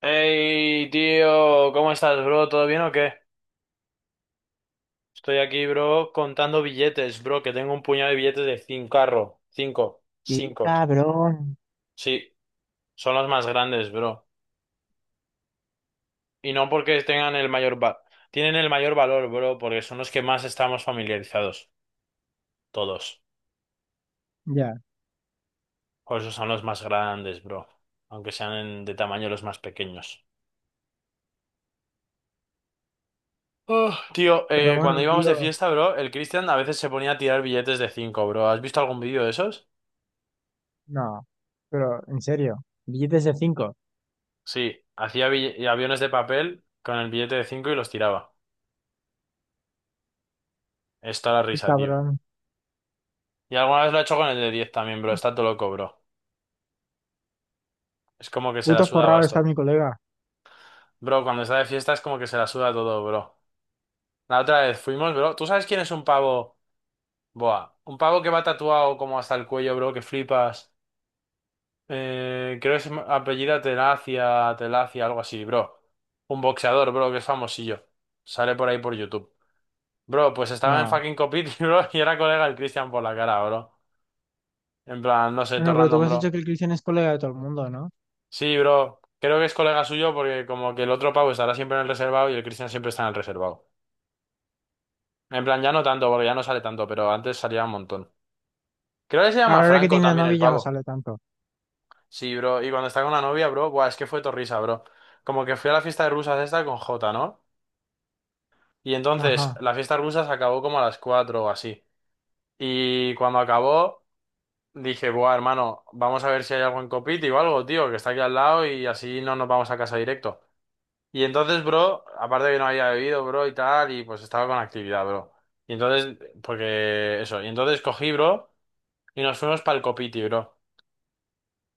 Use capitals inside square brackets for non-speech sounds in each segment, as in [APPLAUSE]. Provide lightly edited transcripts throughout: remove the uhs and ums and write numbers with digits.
Hey, tío, ¿cómo estás, bro? ¿Todo bien o qué? Estoy aquí, bro, contando billetes, bro, que tengo un puñado de billetes de 5 cincarro. Cinco, Qué cinco. cabrón. Sí, son los más grandes, bro. Y no porque tengan el mayor tienen el mayor valor, bro, porque son los que más estamos familiarizados, todos. Ya, Por eso son los más grandes, bro. Aunque sean de tamaño los más pequeños. Oh, tío, pero cuando bueno, íbamos de tío, fiesta, bro, el Cristian a veces se ponía a tirar billetes de 5, bro. ¿Has visto algún vídeo de esos? no, pero en serio, billetes de 5, Sí, hacía aviones de papel con el billete de 5 y los tiraba. Está la risa, tío. cabrón, Y alguna vez lo ha hecho con el de 10 también, bro. Está todo loco, bro. Es como que se la puto suda forrado está basto. mi colega. Bro, cuando está de fiesta es como que se la suda todo, bro. La otra vez fuimos, bro. ¿Tú sabes quién es un pavo? Boa. Un pavo que va tatuado como hasta el cuello, bro, que flipas. Creo que apellida Telacia, Telacia, algo así, bro. Un boxeador, bro, que es famosillo. Sale por ahí por YouTube. Bro, pues estaba en No, fucking Copiti, [LAUGHS] bro, y era colega del Cristian por la cara, bro. En plan, no sé, bueno, todo pero tú me random, has bro. dicho que el Cristian es colega de todo el mundo, ¿no? Sí, bro. Creo que es colega suyo porque como que el otro Pau estará siempre en el reservado y el Cristian siempre está en el reservado. En plan, ya no tanto, porque ya no sale tanto, pero antes salía un montón. Creo que se llama Ahora que Franco tiene también novia el ya no pavo. sale tanto, Sí, bro. Y cuando está con la novia, bro, buah, es que fue torrisa, bro. Como que fui a la fiesta de rusas esta con Jota, ¿no? Y entonces, ajá. la fiesta de rusas acabó como a las 4 o así. Y cuando acabó, dije, buah, hermano, vamos a ver si hay algo en Copiti o algo, tío, que está aquí al lado y así no nos vamos a casa directo. Y entonces, bro, aparte de que no había bebido, bro, y tal, y pues estaba con actividad, bro. Y entonces, porque eso, y entonces cogí, bro, y nos fuimos para el Copiti, bro.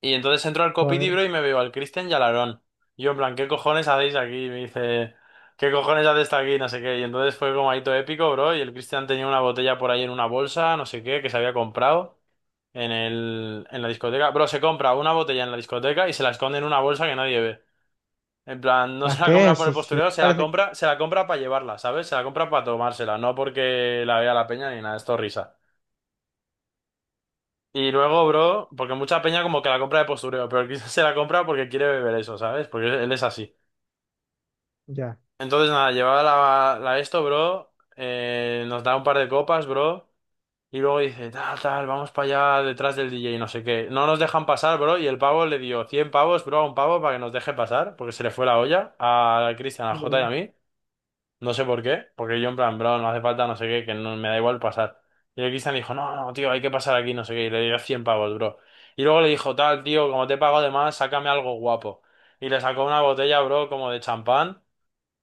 Y entonces entro al Copiti, Joder, bro, y me veo al Cristian y al Aarón. Y yo, en plan, ¿qué cojones hacéis aquí? Y me dice, ¿qué cojones haces aquí? No sé qué. Y entonces fue como ahí todo épico, bro, y el Cristian tenía una botella por ahí en una bolsa, no sé qué, que se había comprado en la discoteca. Bro, se compra una botella en la discoteca y se la esconde en una bolsa que nadie ve. En plan, no ¿a se la qué? compra por Sí, el sí, es postureo, que parece, se la compra para llevarla, ¿sabes? Se la compra para tomársela, no porque la vea la peña ni nada, esto risa. Y luego, bro, porque mucha peña como que la compra de postureo, pero quizás [LAUGHS] se la compra porque quiere beber eso, ¿sabes? Porque él es así. ya. Entonces, nada, llevaba la esto, bro, nos da un par de copas, bro, y luego dice, tal, tal, vamos para allá detrás del DJ, no sé qué. No nos dejan pasar, bro, y el pavo le dio 100 pavos, bro, a un pavo para que nos deje pasar, porque se le fue la olla a Cristian, a Jota y Joder, a mí. No sé por qué, porque yo en plan, bro, no hace falta, no sé qué, que no me da igual pasar. Y el Cristian dijo, no, no, no, tío, hay que pasar aquí, no sé qué, y le dio 100 pavos, bro. Y luego le dijo, tal, tío, como te pago de más, sácame algo guapo. Y le sacó una botella, bro, como de champán,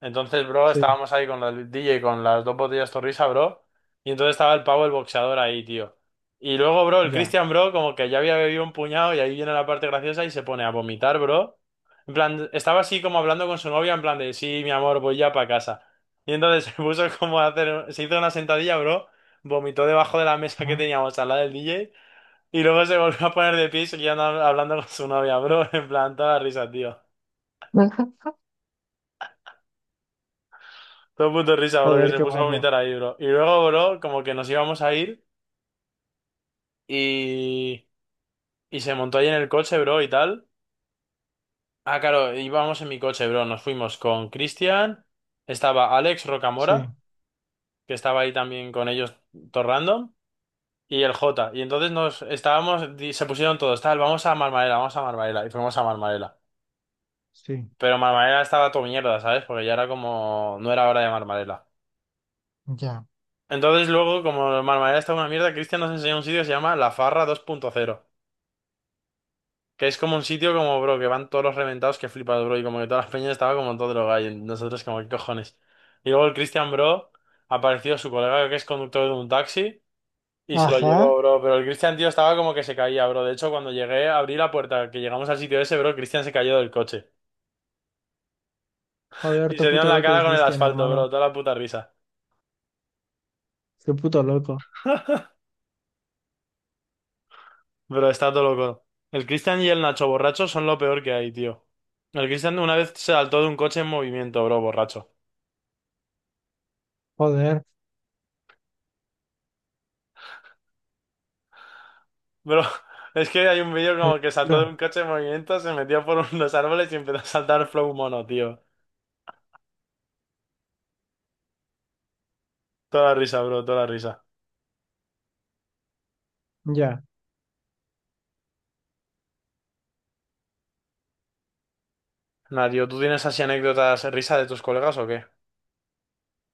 entonces, bro, sí, estábamos ahí con el DJ con las dos botellas Torrisa, bro. Y entonces estaba el pavo, el boxeador ahí, tío. Y luego, bro, el ya, Christian, bro, como que ya había bebido un puñado y ahí viene la parte graciosa y se pone a vomitar, bro. En plan, estaba así como hablando con su novia, en plan de, sí, mi amor, voy ya para casa. Y entonces [LAUGHS] se puso como a hacer, se hizo una sentadilla, bro. Vomitó debajo de la mesa que ajá, teníamos al lado del DJ. Y luego se volvió a poner de pie y seguía hablando con su novia, bro. [LAUGHS] En plan, toda risa, tío. [LAUGHS] Todo el mundo risa, bro, que joder, se qué puso a guapo, vomitar ahí, bro. Y luego, bro, como que nos íbamos a ir y, y se montó ahí en el coche, bro, y tal. Ah, claro, íbamos en mi coche, bro. Nos fuimos con Cristian, estaba Alex sí, Rocamora, que estaba ahí también con ellos, todo random, y el Jota. Y entonces nos estábamos, se pusieron todos, tal, vamos a Marmarela, vamos a Marmarela. Y fuimos a Marmarela. sí, Pero Marmarela estaba todo mierda, ¿sabes? Porque ya era como, no era hora de Marmarela. ya, Entonces luego, como Marmarela estaba una mierda, Cristian nos enseñó un sitio que se llama La Farra 2.0. Que es como un sitio como, bro, que van todos los reventados que flipas, bro. Y como que todas las peñas estaba como todo drogado. Y nosotros como, ¿qué cojones? Y luego el Cristian, bro, apareció su colega que es conductor de un taxi y se lo llevó, ajá. bro. Pero el Cristian, tío, estaba como que se caía, bro. De hecho, cuando llegué, abrí la puerta, que llegamos al sitio ese, bro, Cristian se cayó del coche. Joder, Y todo se dio puto en la loco el cara con el Cristian, asfalto, hermano, bro. Toda la puta risa. qué puto loco, Bro, está todo loco. El Cristian y el Nacho borracho son lo peor que hay, tío. El Cristian una vez se saltó de un coche en movimiento, bro, borracho. joder, Bro, [LAUGHS] es que hay un vídeo qué como que saltó de locura. un coche en movimiento, se metió por [LAUGHS] unos árboles y empezó a saltar flow mono, tío. Toda la risa, bro, toda la risa. Ya, Nadio, ¿tú tienes así anécdotas risa de tus colegas o qué?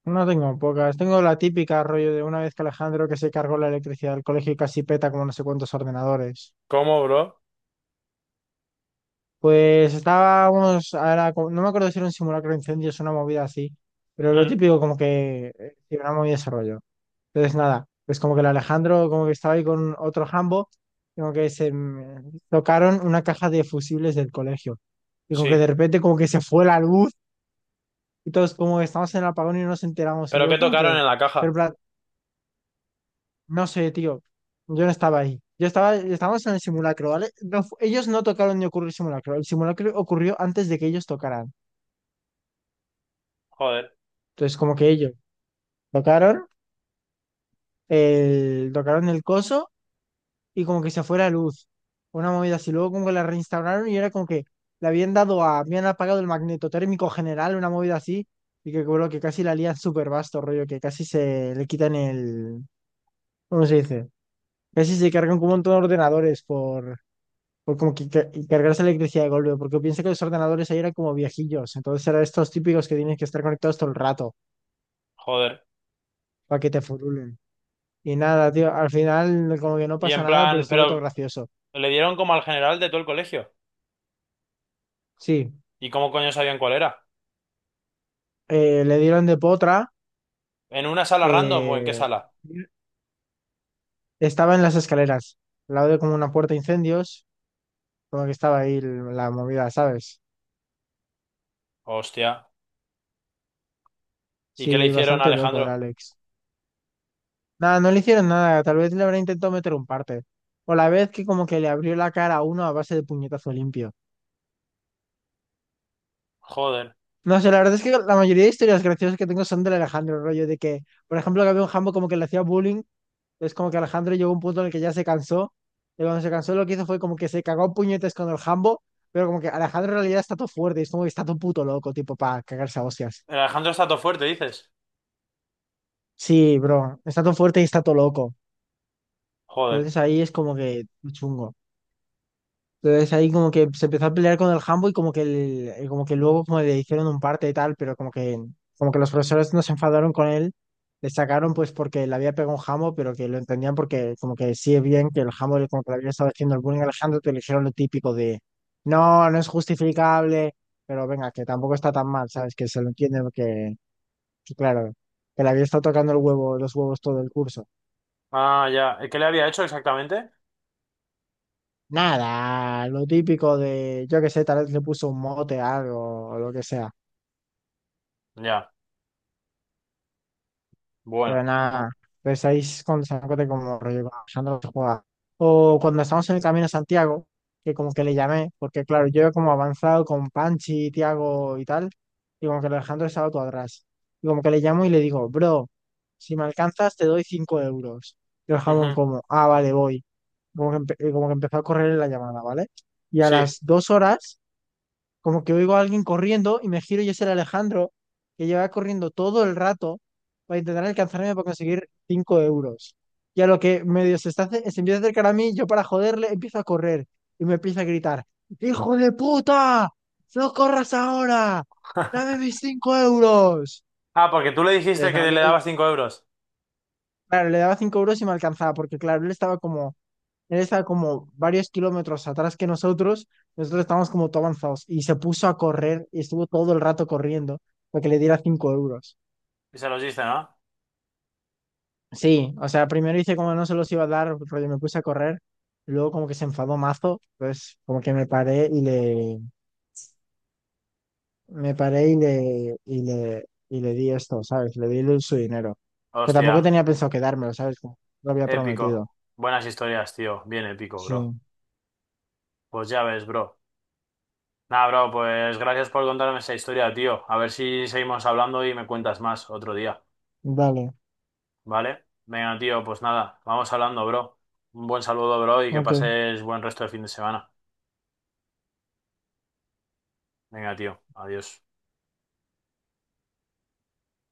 no tengo pocas. Tengo la típica rollo de una vez que Alejandro que se cargó la electricidad del colegio y casi peta como no sé cuántos ordenadores. ¿Cómo, bro? Pues estábamos, ahora, no me acuerdo si era un simulacro de incendios o una movida así, pero lo Mm, típico como que sí, una movida de ese rollo. Entonces nada, pues como que el Alejandro como que estaba ahí con otro jambo, como que se tocaron una caja de fusibles del colegio. Y como que de sí. repente como que se fue la luz y todos como que estamos en el apagón y no nos enteramos y ¿Pero luego qué como tocaron que... en la Pero caja? no sé, tío. Yo no estaba ahí. Yo estaba, estábamos en el simulacro, ¿vale? Ellos no tocaron ni ocurrió el simulacro. El simulacro ocurrió antes de que ellos tocaran. Joder, Entonces, como que ellos tocaron tocaron el coso y como que se fue la luz. Una movida así. Luego como que la reinstauraron y era como que le habían dado a, habían apagado el magneto térmico general, una movida así. Y que creo que casi la lían súper vasto, rollo, que casi se le quitan el, ¿cómo se dice? Casi se cargan como un montón de ordenadores por como que cargarse la electricidad de golpe, porque pienso que los ordenadores ahí eran como viejillos, entonces eran estos típicos que tienen que estar conectados todo el rato joder. para que te furulen. Y nada, tío, al final no, como que no Y pasa en nada, pero plan, estuvo todo pero gracioso. le dieron como al general de todo el colegio. Sí, ¿Y cómo coño sabían cuál era? Le dieron de potra. ¿En una sala random o en qué eh, sala? Estaba en las escaleras, al lado de como una puerta de incendios, como que estaba ahí la movida, ¿sabes? Hostia. ¿Y qué le Sí, hicieron a bastante loco el Alejandro? Alex. Nada, no le hicieron nada, tal vez le habrán intentado meter un parte. O la vez que como que le abrió la cara a uno a base de puñetazo limpio. Joder. No sé, la verdad es que la mayoría de historias graciosas que tengo son del Alejandro, el rollo de que, por ejemplo, que había un jambo como que le hacía bullying, es como que Alejandro llegó a un punto en el que ya se cansó, y cuando se cansó lo que hizo fue como que se cagó a puñetes con el jambo, pero como que Alejandro en realidad está todo fuerte, y es como que está todo puto loco, tipo, para cagarse a hostias. El Alejandro está todo fuerte, dices. Sí, bro, está todo fuerte y está todo loco. Joder. Entonces ahí es como que chungo. Entonces ahí como que se empezó a pelear con el Hambo y como que, como que luego como le hicieron un parte y tal, pero como que los profesores no se enfadaron con él, le sacaron pues porque le había pegado un Hambo, pero que lo entendían porque como que sí es bien que el Hambo como que le había estado haciendo el bullying a Alejandro, te le dijeron lo típico de, no, no es justificable, pero venga, que tampoco está tan mal, ¿sabes? Que se lo entiende porque, que claro, que le había estado tocando el huevo, los huevos todo el curso. Ah, ya. ¿Y qué le había hecho exactamente? Nada, lo típico de, yo qué sé, tal vez le puso un mote a algo o lo que sea. Ya, Pero bueno. nada, pues estáis con de como rollo, conversando no se. O cuando estamos en el camino a Santiago, que como que le llamé, porque claro, yo como avanzado con Panchi, Tiago y tal, y como que el Alejandro estaba todo atrás. Y como que le llamo y le digo, bro, si me alcanzas te doy 5 euros. Y el jamón Ujú, como, ah, vale, voy. Como que, como que empezó a correr la llamada, ¿vale? Y a sí. las 2 horas como que oigo a alguien corriendo y me giro y es el Alejandro que lleva corriendo todo el rato para intentar alcanzarme para conseguir 5 euros. Y a lo que medio se, está, se empieza a acercar a mí, yo para joderle empiezo a correr y me empieza a gritar, ¡Hijo de puta! ¡No corras ahora! ¡Dame mis 5 euros! Ah, porque tú le Pues dijiste nada, que le luego, dabas 5 euros claro, le daba 5 euros y me alcanzaba porque claro, él está como varios kilómetros atrás que nosotros. Nosotros estábamos como todo avanzados. Y se puso a correr y estuvo todo el rato corriendo para que le diera 5 euros. y se los diste, ¿no? Sí, o sea, primero hice como no se los iba a dar, rollo, me puse a correr. Luego como que se enfadó mazo. Entonces como que me paré Me paré Y y le di esto, ¿sabes? Le di su dinero. Que Hostia, tampoco tenía pensado quedármelo, ¿sabes? Como lo había épico. prometido. Buenas historias, tío. Bien épico, bro. Sí, Pues ya ves, bro. Nada, bro, pues gracias por contarme esa historia, tío. A ver si seguimos hablando y me cuentas más otro día, vale. ¿vale? Venga, tío, pues nada, vamos hablando, bro. Un buen saludo, bro, y que Ok. pases buen resto de fin de semana. Venga, tío, adiós.